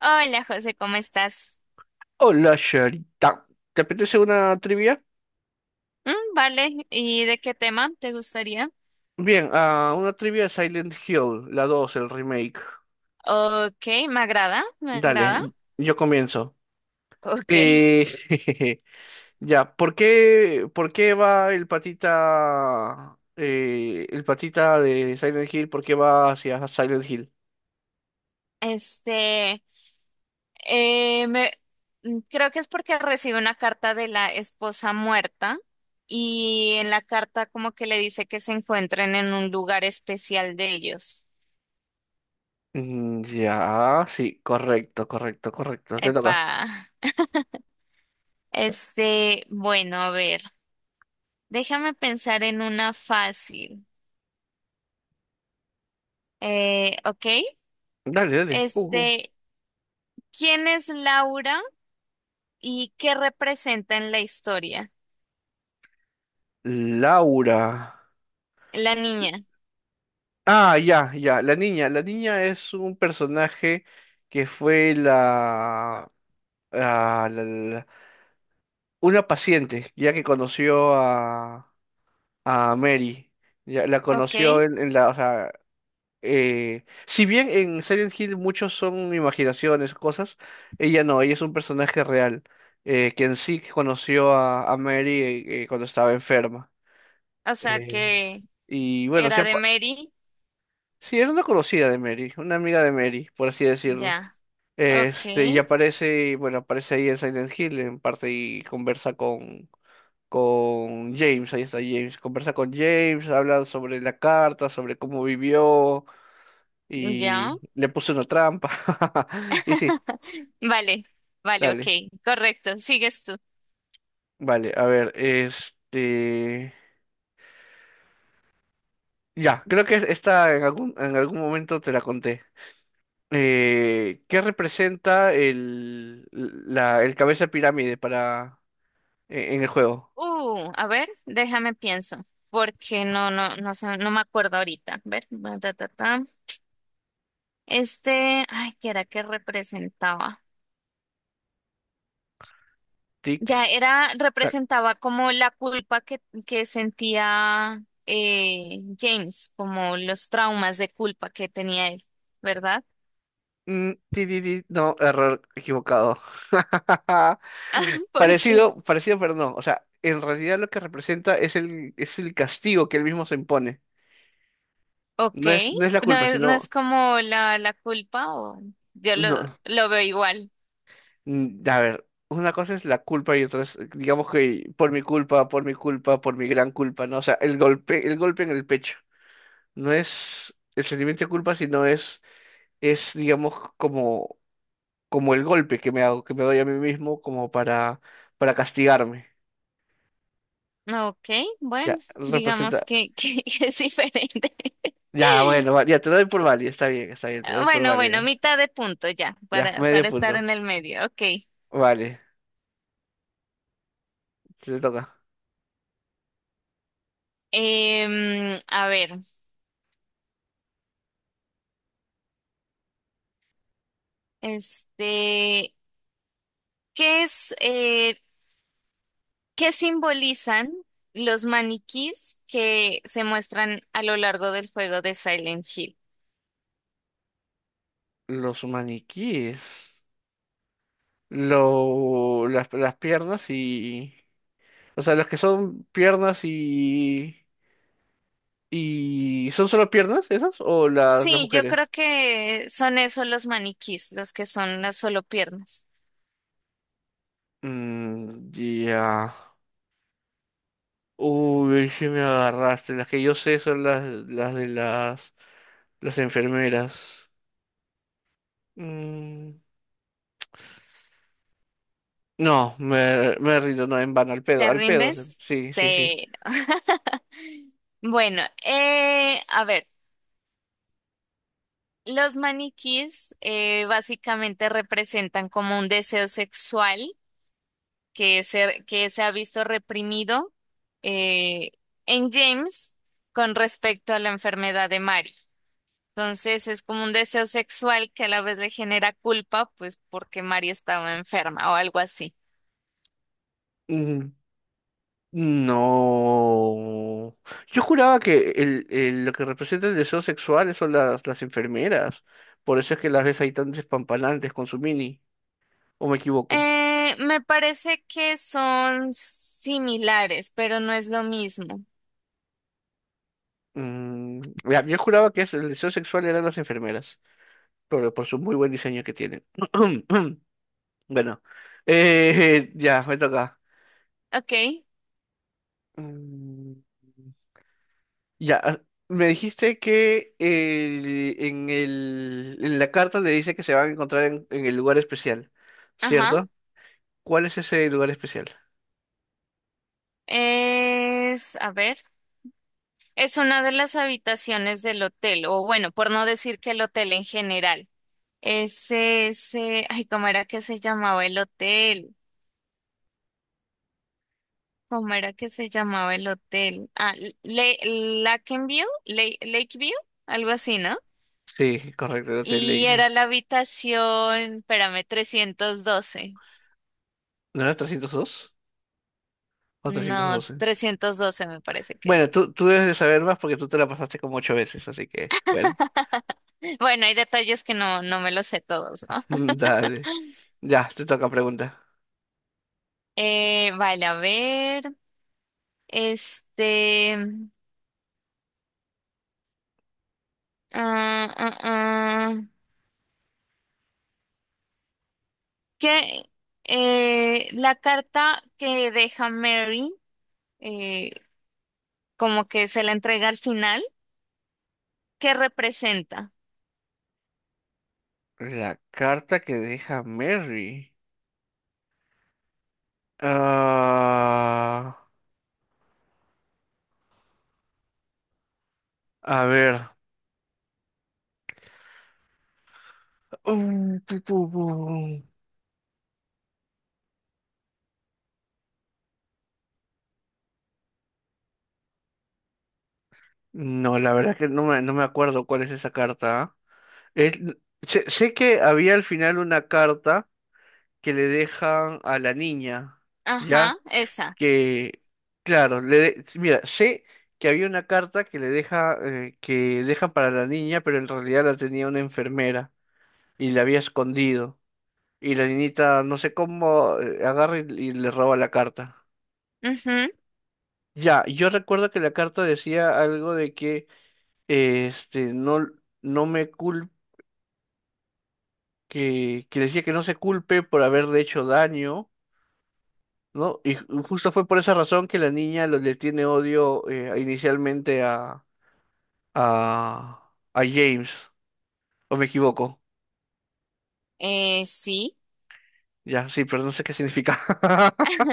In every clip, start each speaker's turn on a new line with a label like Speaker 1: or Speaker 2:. Speaker 1: Hola José, ¿cómo estás?
Speaker 2: Hola, Sharita. ¿Te apetece una trivia?
Speaker 1: Vale, ¿y de qué tema te gustaría?
Speaker 2: Bien, una trivia de Silent Hill, la 2 el remake.
Speaker 1: Ok, me agrada, me agrada.
Speaker 2: Dale, yo comienzo.
Speaker 1: Ok,
Speaker 2: Eh, ya, ¿por qué va el patita de Silent Hill? ¿Por qué va hacia Silent Hill?
Speaker 1: este, eh, me- creo que es porque recibe una carta de la esposa muerta y en la carta como que le dice que se encuentren en un lugar especial de ellos.
Speaker 2: Ya, sí, correcto, correcto, correcto. Te toca.
Speaker 1: Epa, bueno, a ver, déjame pensar en una fácil. Ok.
Speaker 2: Dale, dale.
Speaker 1: Este, ¿quién es Laura y qué representa en la historia?
Speaker 2: Laura.
Speaker 1: La niña,
Speaker 2: Ah, ya, ya. La niña. La niña es un personaje que fue la, ah, la- la- una paciente, ya que conoció a Mary. Ya, la
Speaker 1: ok.
Speaker 2: conoció en la, o sea, si bien en Silent Hill muchos son imaginaciones, cosas, ella no, ella es un personaje real, quien sí conoció a Mary cuando estaba enferma.
Speaker 1: O sea
Speaker 2: Eh,
Speaker 1: que
Speaker 2: y bueno, sí,
Speaker 1: era de Mary,
Speaker 2: sí, era una conocida de Mary, una amiga de Mary, por así decirlo.
Speaker 1: ya, ok,
Speaker 2: Este, y aparece, bueno, aparece ahí en Silent Hill en parte y conversa con James, ahí está James, conversa con James, habla sobre la carta, sobre cómo vivió
Speaker 1: ya.
Speaker 2: y le puso una trampa. Y sí,
Speaker 1: Vale, vale, ok,
Speaker 2: dale.
Speaker 1: correcto, sigues tú.
Speaker 2: Vale, a ver, este... Ya, creo que esta en algún momento te la conté. ¿Qué representa el cabeza de pirámide para, en el juego?
Speaker 1: A ver, déjame pienso, porque no sé, no me acuerdo ahorita. A ver, ta, ta, ta. Ay, ¿qué era que representaba?
Speaker 2: Tic.
Speaker 1: Ya era, representaba como la culpa que sentía James, como los traumas de culpa que tenía él, ¿verdad?
Speaker 2: No, error equivocado.
Speaker 1: Porque,
Speaker 2: Parecido, parecido, pero no. O sea, en realidad lo que representa es es el castigo que él mismo se impone.
Speaker 1: ok,
Speaker 2: No es la culpa,
Speaker 1: no
Speaker 2: sino,
Speaker 1: es como la culpa o yo
Speaker 2: no.
Speaker 1: lo veo igual.
Speaker 2: A ver, una cosa es la culpa y otra es, digamos que por mi culpa, por mi culpa, por mi gran culpa, ¿no? O sea, el golpe en el pecho. No es el sentimiento de culpa, sino digamos, como, como el golpe que me hago, que me doy a mí mismo como para castigarme.
Speaker 1: Ok, bueno,
Speaker 2: Ya,
Speaker 1: digamos
Speaker 2: representa.
Speaker 1: que es diferente.
Speaker 2: Ya, bueno, ya te doy por válida. Está bien, te doy por
Speaker 1: Bueno,
Speaker 2: válida.
Speaker 1: bueno, mitad de punto ya,
Speaker 2: Ya, medio
Speaker 1: para estar
Speaker 2: punto.
Speaker 1: en el medio, ok.
Speaker 2: Vale, te toca.
Speaker 1: A ver, este... ¿Qué es, qué simbolizan los maniquís que se muestran a lo largo del juego de Silent Hill?
Speaker 2: Los maniquíes. Lo, las piernas y. O sea, los que son piernas y. Y ¿son solo piernas esas? ¿O las
Speaker 1: Sí, yo creo
Speaker 2: mujeres?
Speaker 1: que son esos los maniquís, los que son las solo piernas.
Speaker 2: Mm, ya. Uy, sí me agarraste. Las que yo sé son las de las enfermeras. Mm, no, me rindo, no, en vano,
Speaker 1: ¿Te
Speaker 2: al pedo,
Speaker 1: rindes?
Speaker 2: sí, sí, sí.
Speaker 1: Pero. Bueno, a ver, los maniquís básicamente representan como un deseo sexual que se ha visto reprimido eh, en James con respecto a la enfermedad de Mary. Entonces es como un deseo sexual que a la vez le genera culpa, pues porque Mary estaba enferma o algo así.
Speaker 2: Mm, no. Yo juraba que lo que representa el deseo sexual son las enfermeras. Por eso es que las ves ahí tan despampanantes con su mini. ¿O me equivoco?
Speaker 1: Me parece que son similares, pero no es lo mismo.
Speaker 2: Mm, ya, yo juraba que eso, el deseo sexual eran las enfermeras. Por su muy buen diseño que tienen. Bueno, ya, me toca.
Speaker 1: Ok,
Speaker 2: Mm, Ya, me dijiste que en la carta le dice que se van a encontrar en el lugar especial,
Speaker 1: ajá.
Speaker 2: ¿cierto? ¿Cuál es ese lugar especial?
Speaker 1: Es, a ver, es una de las habitaciones del hotel, o bueno, por no decir que el hotel en general. Ese, ay, ¿cómo era que se llamaba el hotel? ¿Cómo era que se llamaba el hotel? Ah, Lakeview, algo así, ¿no?
Speaker 2: Sí, correcto, el Hotel
Speaker 1: Y
Speaker 2: Lakeview.
Speaker 1: era la habitación, espérame, 312.
Speaker 2: ¿No era 302 o trescientos
Speaker 1: No,
Speaker 2: doce?
Speaker 1: 312 me parece que
Speaker 2: Bueno,
Speaker 1: es.
Speaker 2: tú debes de saber más porque tú te la pasaste como 8 veces, así que, bueno,
Speaker 1: Bueno, hay detalles que no me los sé todos, ¿no?
Speaker 2: dale. Ya, te toca pregunta.
Speaker 1: Vale, a ver, este, ah, ah, ah. que la carta que deja Mary, eh, como que se la entrega al final, ¿qué representa?
Speaker 2: La carta que deja Mary. Ah, a ver. Tu, tu, tu. No, la verdad que no me acuerdo cuál es esa carta. ¿Ah? Es- sé que había al final una carta que le dejan a la niña,
Speaker 1: Ajá,
Speaker 2: ¿ya?
Speaker 1: esa.
Speaker 2: Que, claro, mira, sé que había una carta que le deja, que dejan para la niña, pero en realidad la tenía una enfermera y la había escondido. Y la niñita, no sé cómo, agarra y le roba la carta.
Speaker 1: Ujú.
Speaker 2: Ya, yo recuerdo que la carta decía algo de que, no, no me culpes que le decía que no se culpe por haberle hecho daño, ¿no? Y justo fue por esa razón que la niña le tiene odio inicialmente a James, o me equivoco.
Speaker 1: Sí.
Speaker 2: Ya, sí, pero no sé qué significa.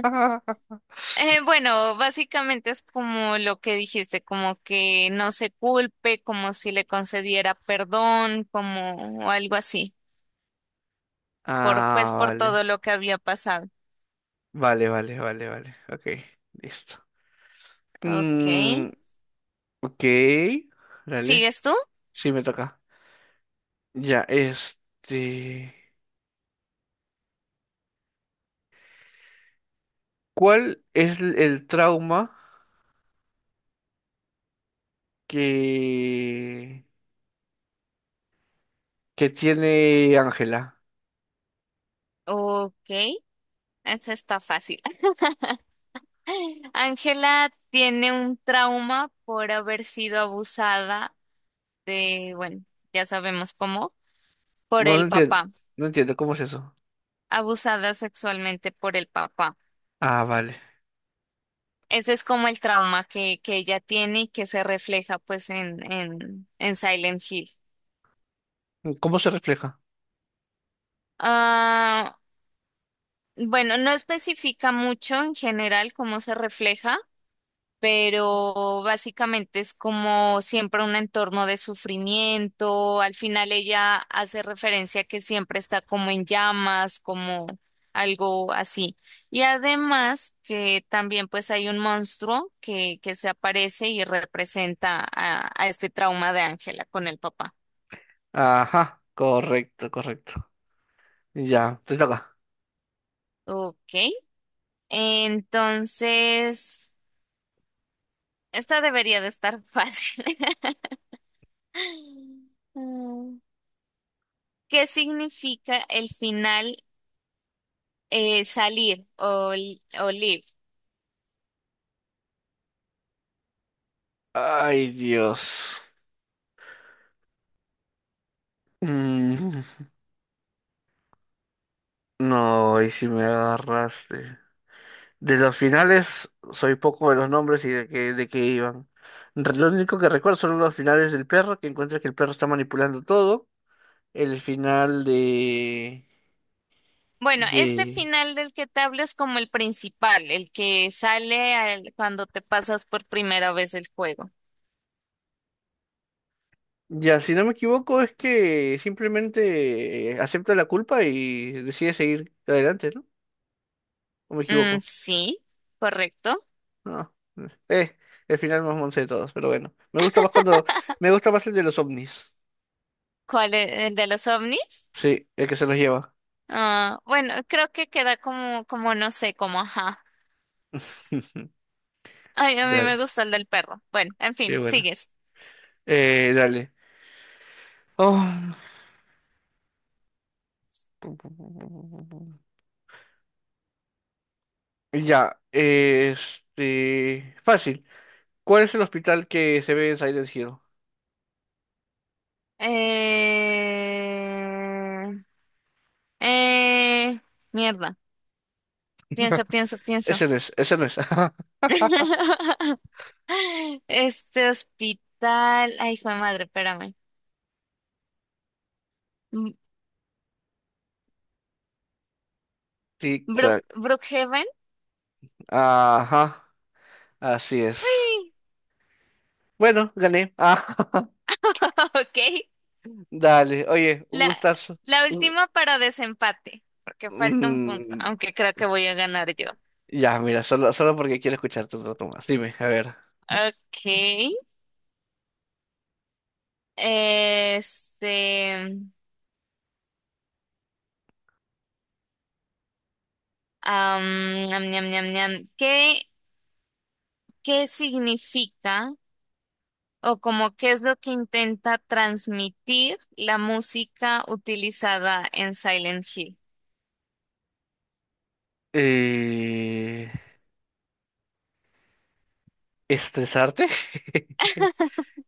Speaker 1: Bueno, básicamente es como lo que dijiste, como que no se culpe, como si le concediera perdón, como o algo así, por
Speaker 2: Ah,
Speaker 1: pues por
Speaker 2: vale.
Speaker 1: todo lo que había pasado.
Speaker 2: Vale, vale, vale, vale. Ok, listo.
Speaker 1: Ok.
Speaker 2: Mm, ok, dale.
Speaker 1: ¿Sigues tú?
Speaker 2: Sí, me toca. Ya, este... ¿Cuál es el trauma que... que tiene Ángela.
Speaker 1: Ok. Esa está fácil. Ángela tiene un trauma por haber sido abusada de, bueno, ya sabemos cómo, por
Speaker 2: No, no
Speaker 1: el
Speaker 2: entiendo,
Speaker 1: papá,
Speaker 2: no entiendo cómo es eso.
Speaker 1: abusada sexualmente por el papá.
Speaker 2: Ah, vale.
Speaker 1: Ese es como el trauma que ella tiene y que se refleja pues en Silent Hill.
Speaker 2: ¿Cómo se refleja?
Speaker 1: Ah, bueno, no especifica mucho en general cómo se refleja, pero básicamente es como siempre un entorno de sufrimiento. Al final ella hace referencia a que siempre está como en llamas, como algo así. Y además que también pues hay un monstruo que se aparece y representa a este trauma de Ángela con el papá.
Speaker 2: Ajá, correcto, correcto. Ya, te toca.
Speaker 1: Ok, entonces esta debería de estar fácil. Mm. ¿Qué significa el final? Salir o, li- o live.
Speaker 2: Ay, Dios. Mm, no, y si me agarraste. De los finales, soy poco de los nombres y de qué iban. Lo único que recuerdo son los finales del perro, que encuentra que el perro está manipulando todo. El final
Speaker 1: Bueno, este
Speaker 2: de,
Speaker 1: final del que te hablo es como el principal, el que sale al- cuando te pasas por primera vez el juego.
Speaker 2: Ya, si no me equivoco, es que simplemente acepta la culpa y decide seguir adelante, ¿no? ¿O me equivoco?
Speaker 1: Sí, correcto.
Speaker 2: No. Eh, el final más monce de todos, pero bueno. Me gusta más cuando. Me gusta más el de los ovnis.
Speaker 1: ¿Cuál es el de los ovnis?
Speaker 2: Sí, el que se los lleva.
Speaker 1: Ah, bueno, creo que queda como, como no sé, como ajá. Ay, a mí me
Speaker 2: Dale,
Speaker 1: gusta el del perro. Bueno, en
Speaker 2: qué
Speaker 1: fin,
Speaker 2: bueno.
Speaker 1: sigues.
Speaker 2: Dale. Oh. Ya, este. Fácil. ¿Cuál es el hospital que se ve en Silent Hill?
Speaker 1: Eh, eh, mierda. Pienso, pienso, pienso.
Speaker 2: Ese no es, ese no es.
Speaker 1: Este hospital. Ay, hijo de madre, espérame. Mm,
Speaker 2: Tic-tac.
Speaker 1: Brookhaven.
Speaker 2: Ajá. Así es.
Speaker 1: Uy,
Speaker 2: Bueno, gané. Ah,
Speaker 1: ok.
Speaker 2: dale. Oye, un
Speaker 1: La,
Speaker 2: gustazo.
Speaker 1: la
Speaker 2: Un-
Speaker 1: última para desempate, porque falta un punto,
Speaker 2: mm,
Speaker 1: aunque creo que voy a ganar yo.
Speaker 2: ya, mira, solo, solo porque quiero escucharte un rato más. Dime, a ver.
Speaker 1: Ok. Este. Am, ñam, ñam, ñam, ñam. ¿Qué, qué significa o como qué es lo que intenta transmitir la música utilizada en Silent Hill?
Speaker 2: Eh, ¿Estresarte?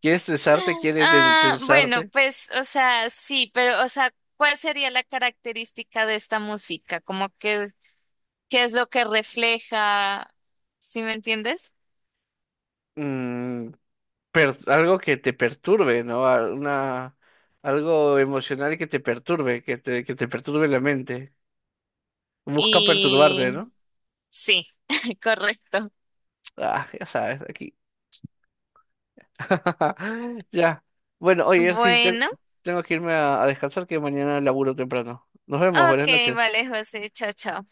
Speaker 2: ¿Quieres estresarte? ¿Quieres
Speaker 1: Ah, bueno,
Speaker 2: tensarte?
Speaker 1: pues, o sea, sí, pero, o sea, ¿cuál sería la característica de esta música? Como que, ¿qué es lo que refleja? ¿Sí me entiendes?
Speaker 2: Mm, algo que te perturbe, ¿no? Una, algo emocional que te perturbe, que te perturbe la mente. Busca perturbarte,
Speaker 1: Y
Speaker 2: ¿no?
Speaker 1: sí, correcto.
Speaker 2: Ah, ya sabes, aquí. Ya. Bueno, oye, sí,
Speaker 1: Bueno,
Speaker 2: tengo que irme a descansar que mañana laburo temprano. Nos vemos, buenas
Speaker 1: ok,
Speaker 2: noches.
Speaker 1: vale, José, chao, chao.